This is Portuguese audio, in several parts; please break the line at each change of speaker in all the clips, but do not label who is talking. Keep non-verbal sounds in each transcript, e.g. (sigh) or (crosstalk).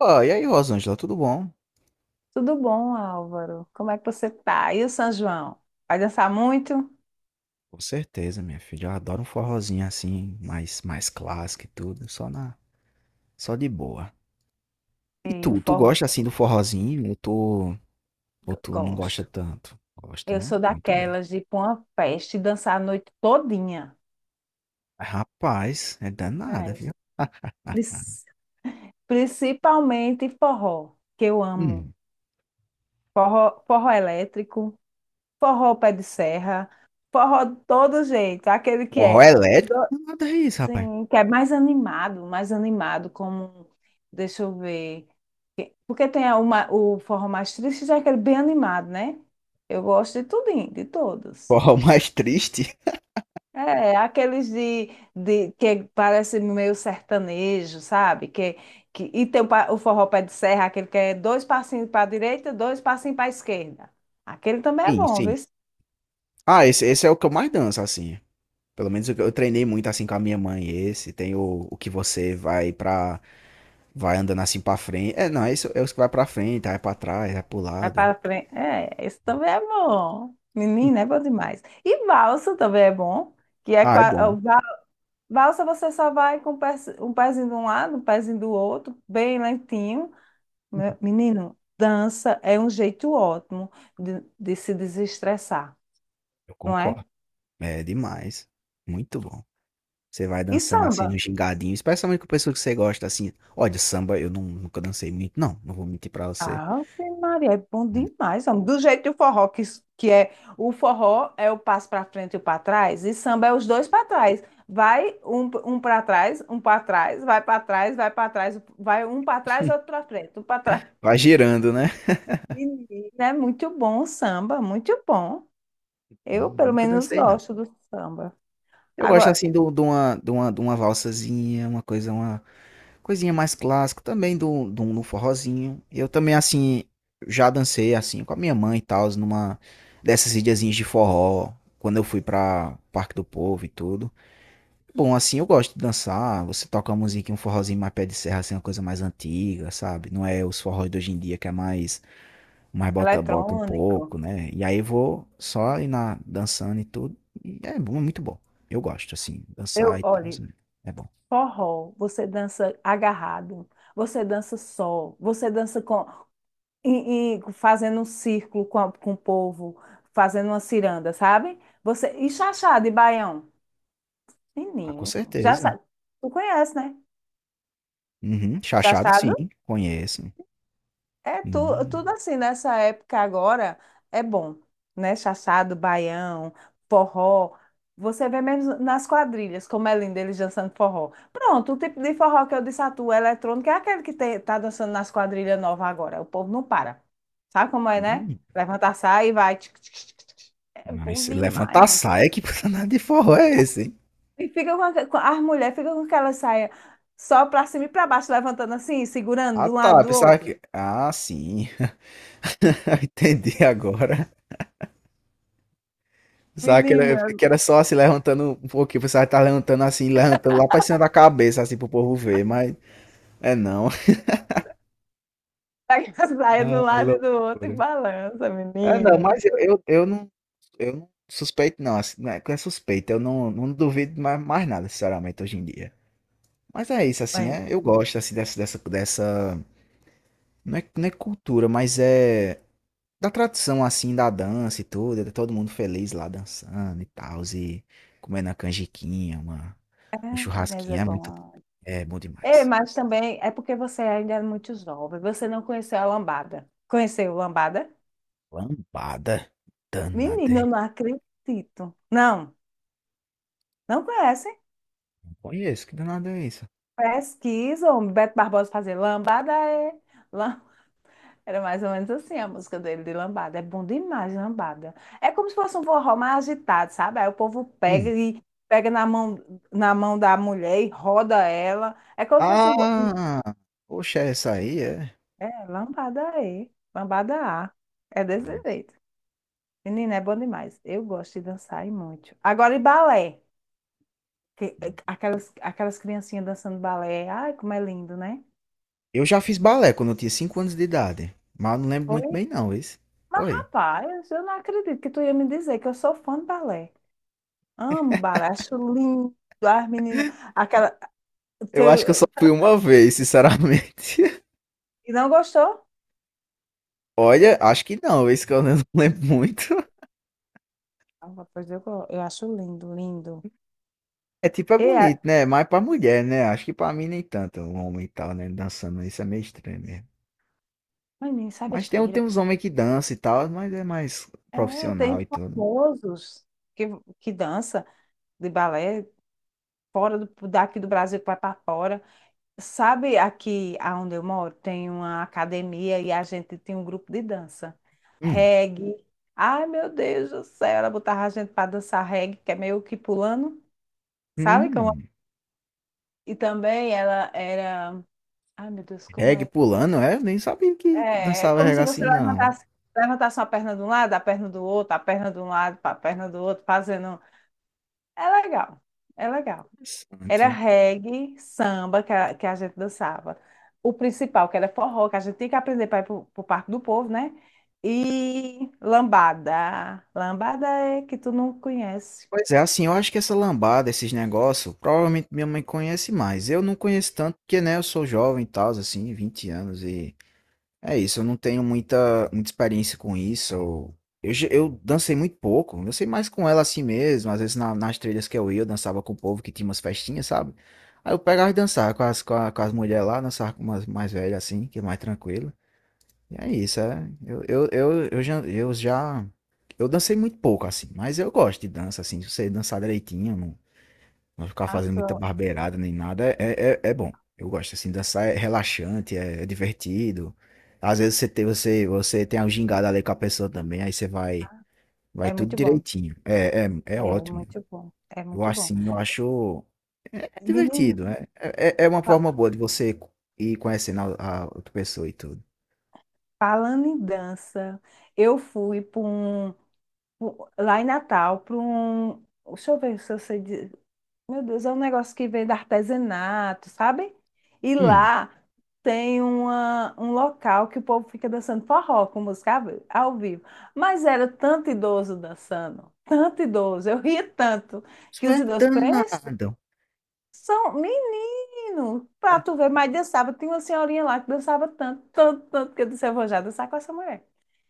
Ó, e aí, Rosângela, tudo bom?
Tudo bom, Álvaro? Como é que você tá? E o São João? Vai dançar muito?
Com certeza, minha filha. Eu adoro um forrozinho assim, mais clássico e tudo, só na, só de boa. E
E o
tu
forró?
gosta assim do forrozinho ou tu não gosta
Gosto.
tanto? Gosta,
Eu
né?
sou
Muito bem.
daquelas de ir pra uma festa e dançar a noite todinha.
Rapaz, é danada,
É.
viu? (laughs)
Pris- Principalmente forró, que eu amo.
Hum,
Forró, forró elétrico, forró pé de serra, forró de todo jeito. Aquele que
forró
é,
elétrico?
do-
Nada é isso, rapaz.
sim, que é mais animado, como, deixa eu ver. Porque tem uma, o forró mais triste, já é aquele bem animado, né? Eu gosto de tudinho, de todos.
Forró (laughs) mais triste?
É aqueles de, que parece meio sertanejo, sabe? E tem o forró pé de serra, aquele que é dois passinhos para a direita, dois passinhos para a esquerda. Aquele também é
Sim,
bom, viu?
sim. Ah, esse é o que eu mais danço, assim. Pelo menos eu treinei muito assim com a minha mãe. Esse tem o que você vai pra. Vai andando assim pra frente. É, não, é isso, é os que vai pra frente, vai pra trás, vai pro
Vai
lado.
para frente. É, esse também é bom. Menina, é bom demais. E valsa também é bom, que é
Ah, é bom.
valsa, você só vai com um pezinho de um lado, um pezinho do outro, bem lentinho. Menino, dança é um jeito ótimo de se desestressar,
Eu
não é?
concordo. É demais. Muito bom. Você vai
E
dançando assim no
samba?
gingadinho, especialmente com pessoa que você gosta, assim. Olha, samba eu não, nunca dancei muito, não. Não vou mentir pra você.
Ah, Maria, é bom
Hum.
demais, homem. Do jeito do forró, que é, o forró é o passo para frente e o para trás, e samba é os dois para trás. Vai um para trás, vai para trás, vai para trás, vai um para trás, outro para frente, um para trás.
Vai girando, né?
Menino, é muito bom o samba, muito bom. Eu,
Hum.
pelo
Nunca
menos,
dancei, não.
gosto do samba.
Eu gosto
Agora,
assim de uma, de uma valsazinha, uma coisa, uma coisinha mais clássica, também do forrozinho. Eu também, assim, já dancei, assim, com a minha mãe e tal, numa dessas ilhazinhas de forró, quando eu fui pra Parque do Povo e tudo. Bom, assim, eu gosto de dançar, você toca uma musiquinha, um forrozinho mais pé de serra, assim, uma coisa mais antiga, sabe? Não é os forrós de hoje em dia que é mais, mais bota um
eletrônico.
pouco, né? E aí eu vou só ir na, dançando e tudo, e é bom, é muito bom. Eu gosto, assim, dançar
Eu,
e tal,
olhe,
né? É bom.
forró, você dança agarrado, você dança só, você dança com, e fazendo um círculo com o povo, fazendo uma ciranda, sabe? Você e chachado e baião.
Ah, com
Menino, já
certeza.
sabe. Tu conhece, né?
Uhum. Chachado sim,
Chachado.
conheço.
É tu, tudo
Hum,
assim, nessa época agora é bom, né? Chachado, baião, forró. Você vê mesmo nas quadrilhas, como é lindo eles dançando forró. Pronto, o tipo de forró que eu disse a tu, eletrônico, é aquele que te, tá dançando nas quadrilhas novas agora. O povo não para. Sabe como é, né?
hum.
Levanta, sai e vai. Tchic, tchic, tchic, tchic, tchic. É bom
Mas levanta
demais,
a
ó.
saia, que (laughs) nada de forró é esse, hein?
E fica com, aque- com- As mulheres ficam com aquela saia só pra cima e pra baixo, levantando assim, segurando
Ah,
de um lado
tá,
do
pensava
outro.
que, ah, sim, (laughs) entendi agora. Pensava que era
Menina,
que era só se levantando um pouquinho, pensava que estava levantando assim, levantando lá pra cima da cabeça, assim, para o povo ver, mas é não.
pega a saia do
Ah,
lado e do outro
loucura.
e balança,
É não,
menino.
mas eu não, eu não suspeito não, assim, não é que é suspeito, eu não, não duvido mais nada sinceramente hoje em dia. Mas é isso, assim, é,
Mas,
eu gosto assim, dessa. Não é, não é cultura, mas é da tradição assim da dança e tudo, é todo mundo feliz lá dançando e tal, e comendo a canjiquinha, uma,
é,
um
mas é
churrasquinho, é muito bom,
bom.
é bom
É,
demais.
mas também é porque você ainda é muito jovem. Você não conheceu a lambada. Conheceu a lambada?
Lambada danada.
Menino, eu não acredito. Não, não conhece?
Não conheço, que danada é isso?
Pesquisa. O Beto Barbosa fazer lambada. É, era mais ou menos assim a música dele de lambada. É bom demais, lambada. É como se fosse um forró mais agitado, sabe? Aí o povo pega
Hum.
e pega na mão da mulher e roda ela. É como se fosse um...
Ah! Poxa, essa aí é.
é, lambada E, lambada A. É desse
Parece.
jeito. Menina, é bom demais. Eu gosto de dançar e muito. Agora, e balé. Aquelas criancinhas dançando balé. Ai, como é lindo, né?
Eu já fiz balé quando eu tinha 5 anos de idade, mas eu não lembro muito
Foi?
bem não, isso. Foi.
Rapaz, eu não acredito que tu ia me dizer que eu sou fã de balé. Amo baracho lindo. As meninas. Aquela.
Eu acho que eu só
teu-
fui uma vez, sinceramente. (laughs)
E não gostou?
Olha, acho que não, isso que eu não (laughs) lembro muito.
Ah, pois eu, eu acho lindo, lindo.
É tipo, é
E a...
bonito, né? Mais pra mulher, né? Acho que pra mim nem tanto. Um homem e tal, né? Dançando isso é meio estranho mesmo.
Menino, isso é
Mas tem, tem
besteira.
uns homens que dançam e tal, mas é mais
É, tem
profissional e tudo.
famosos que, que dança de balé fora daqui do Brasil, que vai para fora. Sabe, aqui onde eu moro tem uma academia e a gente tem um grupo de dança.
Hum,
Reggae. Ai, meu Deus do céu, ela botava a gente para dançar reggae, que é meio que pulando. Sabe como.
hum.
E também ela era. Ai, meu Deus, como
Reggae
é que.
pulando, é? Eu nem sabia que
É
dançava
como
reggae
se você
assim, não.
levantasse uma perna de um lado, a perna do outro, a perna de um lado, a perna do outro, fazendo. É legal, é legal. Era
Interessante.
reggae, samba que a gente dançava. O principal, que era forró, que a gente tinha que aprender para ir para o Parque do Povo, né? E lambada. Lambada é que tu não conhece.
Pois é, assim, eu acho que essa lambada, esses negócios, provavelmente minha mãe conhece mais. Eu não conheço tanto, porque, né, eu sou jovem e tal, assim, 20 anos e é isso, eu não tenho muita experiência com isso. Eu dancei muito pouco, eu dancei mais com ela assim mesmo. Às vezes nas trilhas que eu ia, eu dançava com o povo que tinha umas festinhas, sabe? Aí eu pegava e dançava com as, com as mulheres lá, dançava com umas mais velhas assim, que é mais tranquilo. E é isso, é. Eu já. Eu dancei muito pouco assim, mas eu gosto de dança assim. Se você dançar direitinho, não ficar fazendo muita
Afro.
barbeirada nem nada. É bom. Eu gosto assim, dançar é relaxante, é, é divertido. Às vezes você tem a gingada ali com a pessoa também, aí você vai, vai
É
tudo
muito bom.
direitinho. É
É
ótimo.
muito bom. É
Eu
muito
acho
bom.
assim, eu acho é
Menino.
divertido, né? É, é uma forma boa de você ir conhecendo a outra pessoa e tudo.
Falando em dança, eu fui para um, lá em Natal, para um, deixa eu ver se eu sei, meu Deus, é um negócio que vem do artesanato, sabe? E
Hum,
lá tem um local que o povo fica dançando forró com música ao vivo. Mas era tanto idoso dançando, tanto idoso, eu ria tanto
isso
que os
vai
idosos... Presta
danado.
atenção, menino, pra tu ver, mas dançava. Tinha uma senhorinha lá que dançava tanto, tanto, tanto, que eu disse, eu vou já dançar com essa mulher.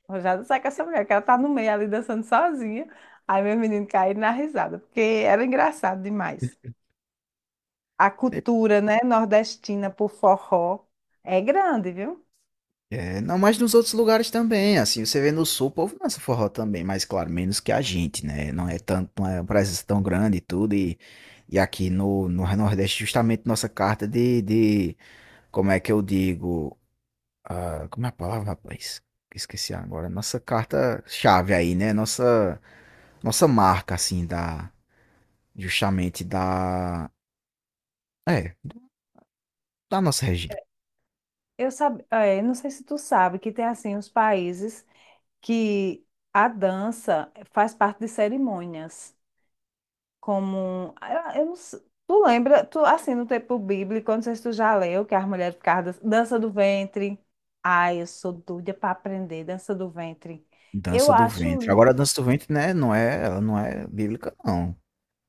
Rojada, sai com essa mulher, que ela tá no meio ali dançando sozinha. Aí meu menino caiu na risada, porque era engraçado demais. A cultura, né, nordestina por forró é grande, viu?
É, não, mas nos outros lugares também, assim, você vê no sul, o povo dança forró também, mas claro, menos que a gente, né? Não é tanto, não é uma presença tão grande e tudo, e aqui no Nordeste, justamente nossa carta como é que eu digo, ah, como é a palavra, rapaz? Esqueci agora, nossa carta chave aí, né? Nossa, nossa marca, assim, da, justamente da, é, da nossa região,
Eu, sabe, é, não sei se tu sabe que tem assim os países que a dança faz parte de cerimônias. Como. Ah, eu, não sei. Tu lembra, tu, assim, no tempo bíblico, eu não sei se tu já leu, que as mulheres ficavam dança do ventre. Ai, eu sou doida para aprender dança do ventre. Eu
dança do
acho
ventre. Agora, a
lindo.
dança do ventre, né, não é, ela não é bíblica, não,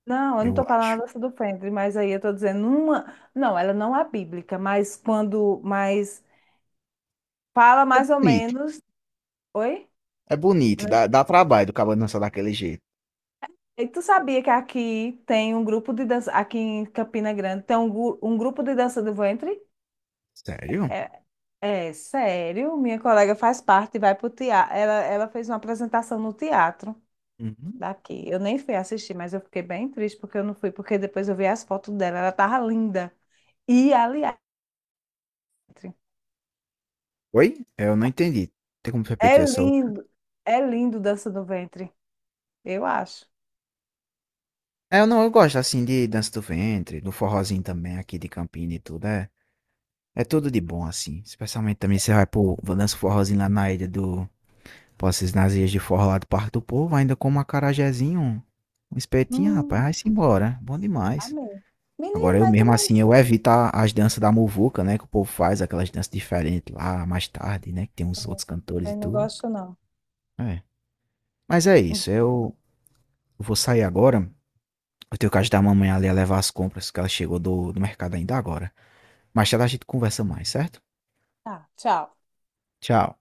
Não, eu não
eu
estou falando
acho.
da dança do ventre, mas aí eu estou dizendo uma. Não, ela não é bíblica, mas quando. Mas fala
É
mais ou
bonito,
menos. Oi?
é bonito,
Não-
dá dá trabalho do cabo dançar daquele jeito.
E tu sabia que aqui tem um grupo de dança? Aqui em Campina Grande tem um grupo de dança do ventre.
Sério?
É. É, sério, minha colega faz parte e vai pro teatro. Ela fez uma apresentação no teatro
Uhum.
daqui. Eu nem fui assistir, mas eu fiquei bem triste porque eu não fui, porque depois eu vi as fotos dela, ela tava linda. E, aliás,
Oi? É, eu não entendi. Tem como
é
repetir essa outra?
lindo, é lindo, dança do ventre, eu acho.
É, eu não, eu gosto assim de dança do ventre, do forrozinho também aqui de Campina e tudo. É, é tudo de bom assim. Especialmente também você vai pro vai dança o forrozinho lá na ilha do, vocês nas ilhas de forró lá do Parque do Povo, ainda com um acarajézinho, um espetinho, rapaz,
Hum,
vai-se embora. Bom demais.
amei.
Agora
Menino,
eu
mas
mesmo
também,
assim, eu evito as danças da muvuca, né? Que o povo faz aquelas danças diferentes lá mais tarde, né? Que tem uns outros cantores e
também não
tudo.
gosto, não.
É. Mas é isso, eu vou sair agora. Eu tenho que ajudar a mamãe ali a levar as compras, que ela chegou do mercado ainda agora. Mais tarde a gente conversa mais, certo?
Tá, tchau.
Tchau.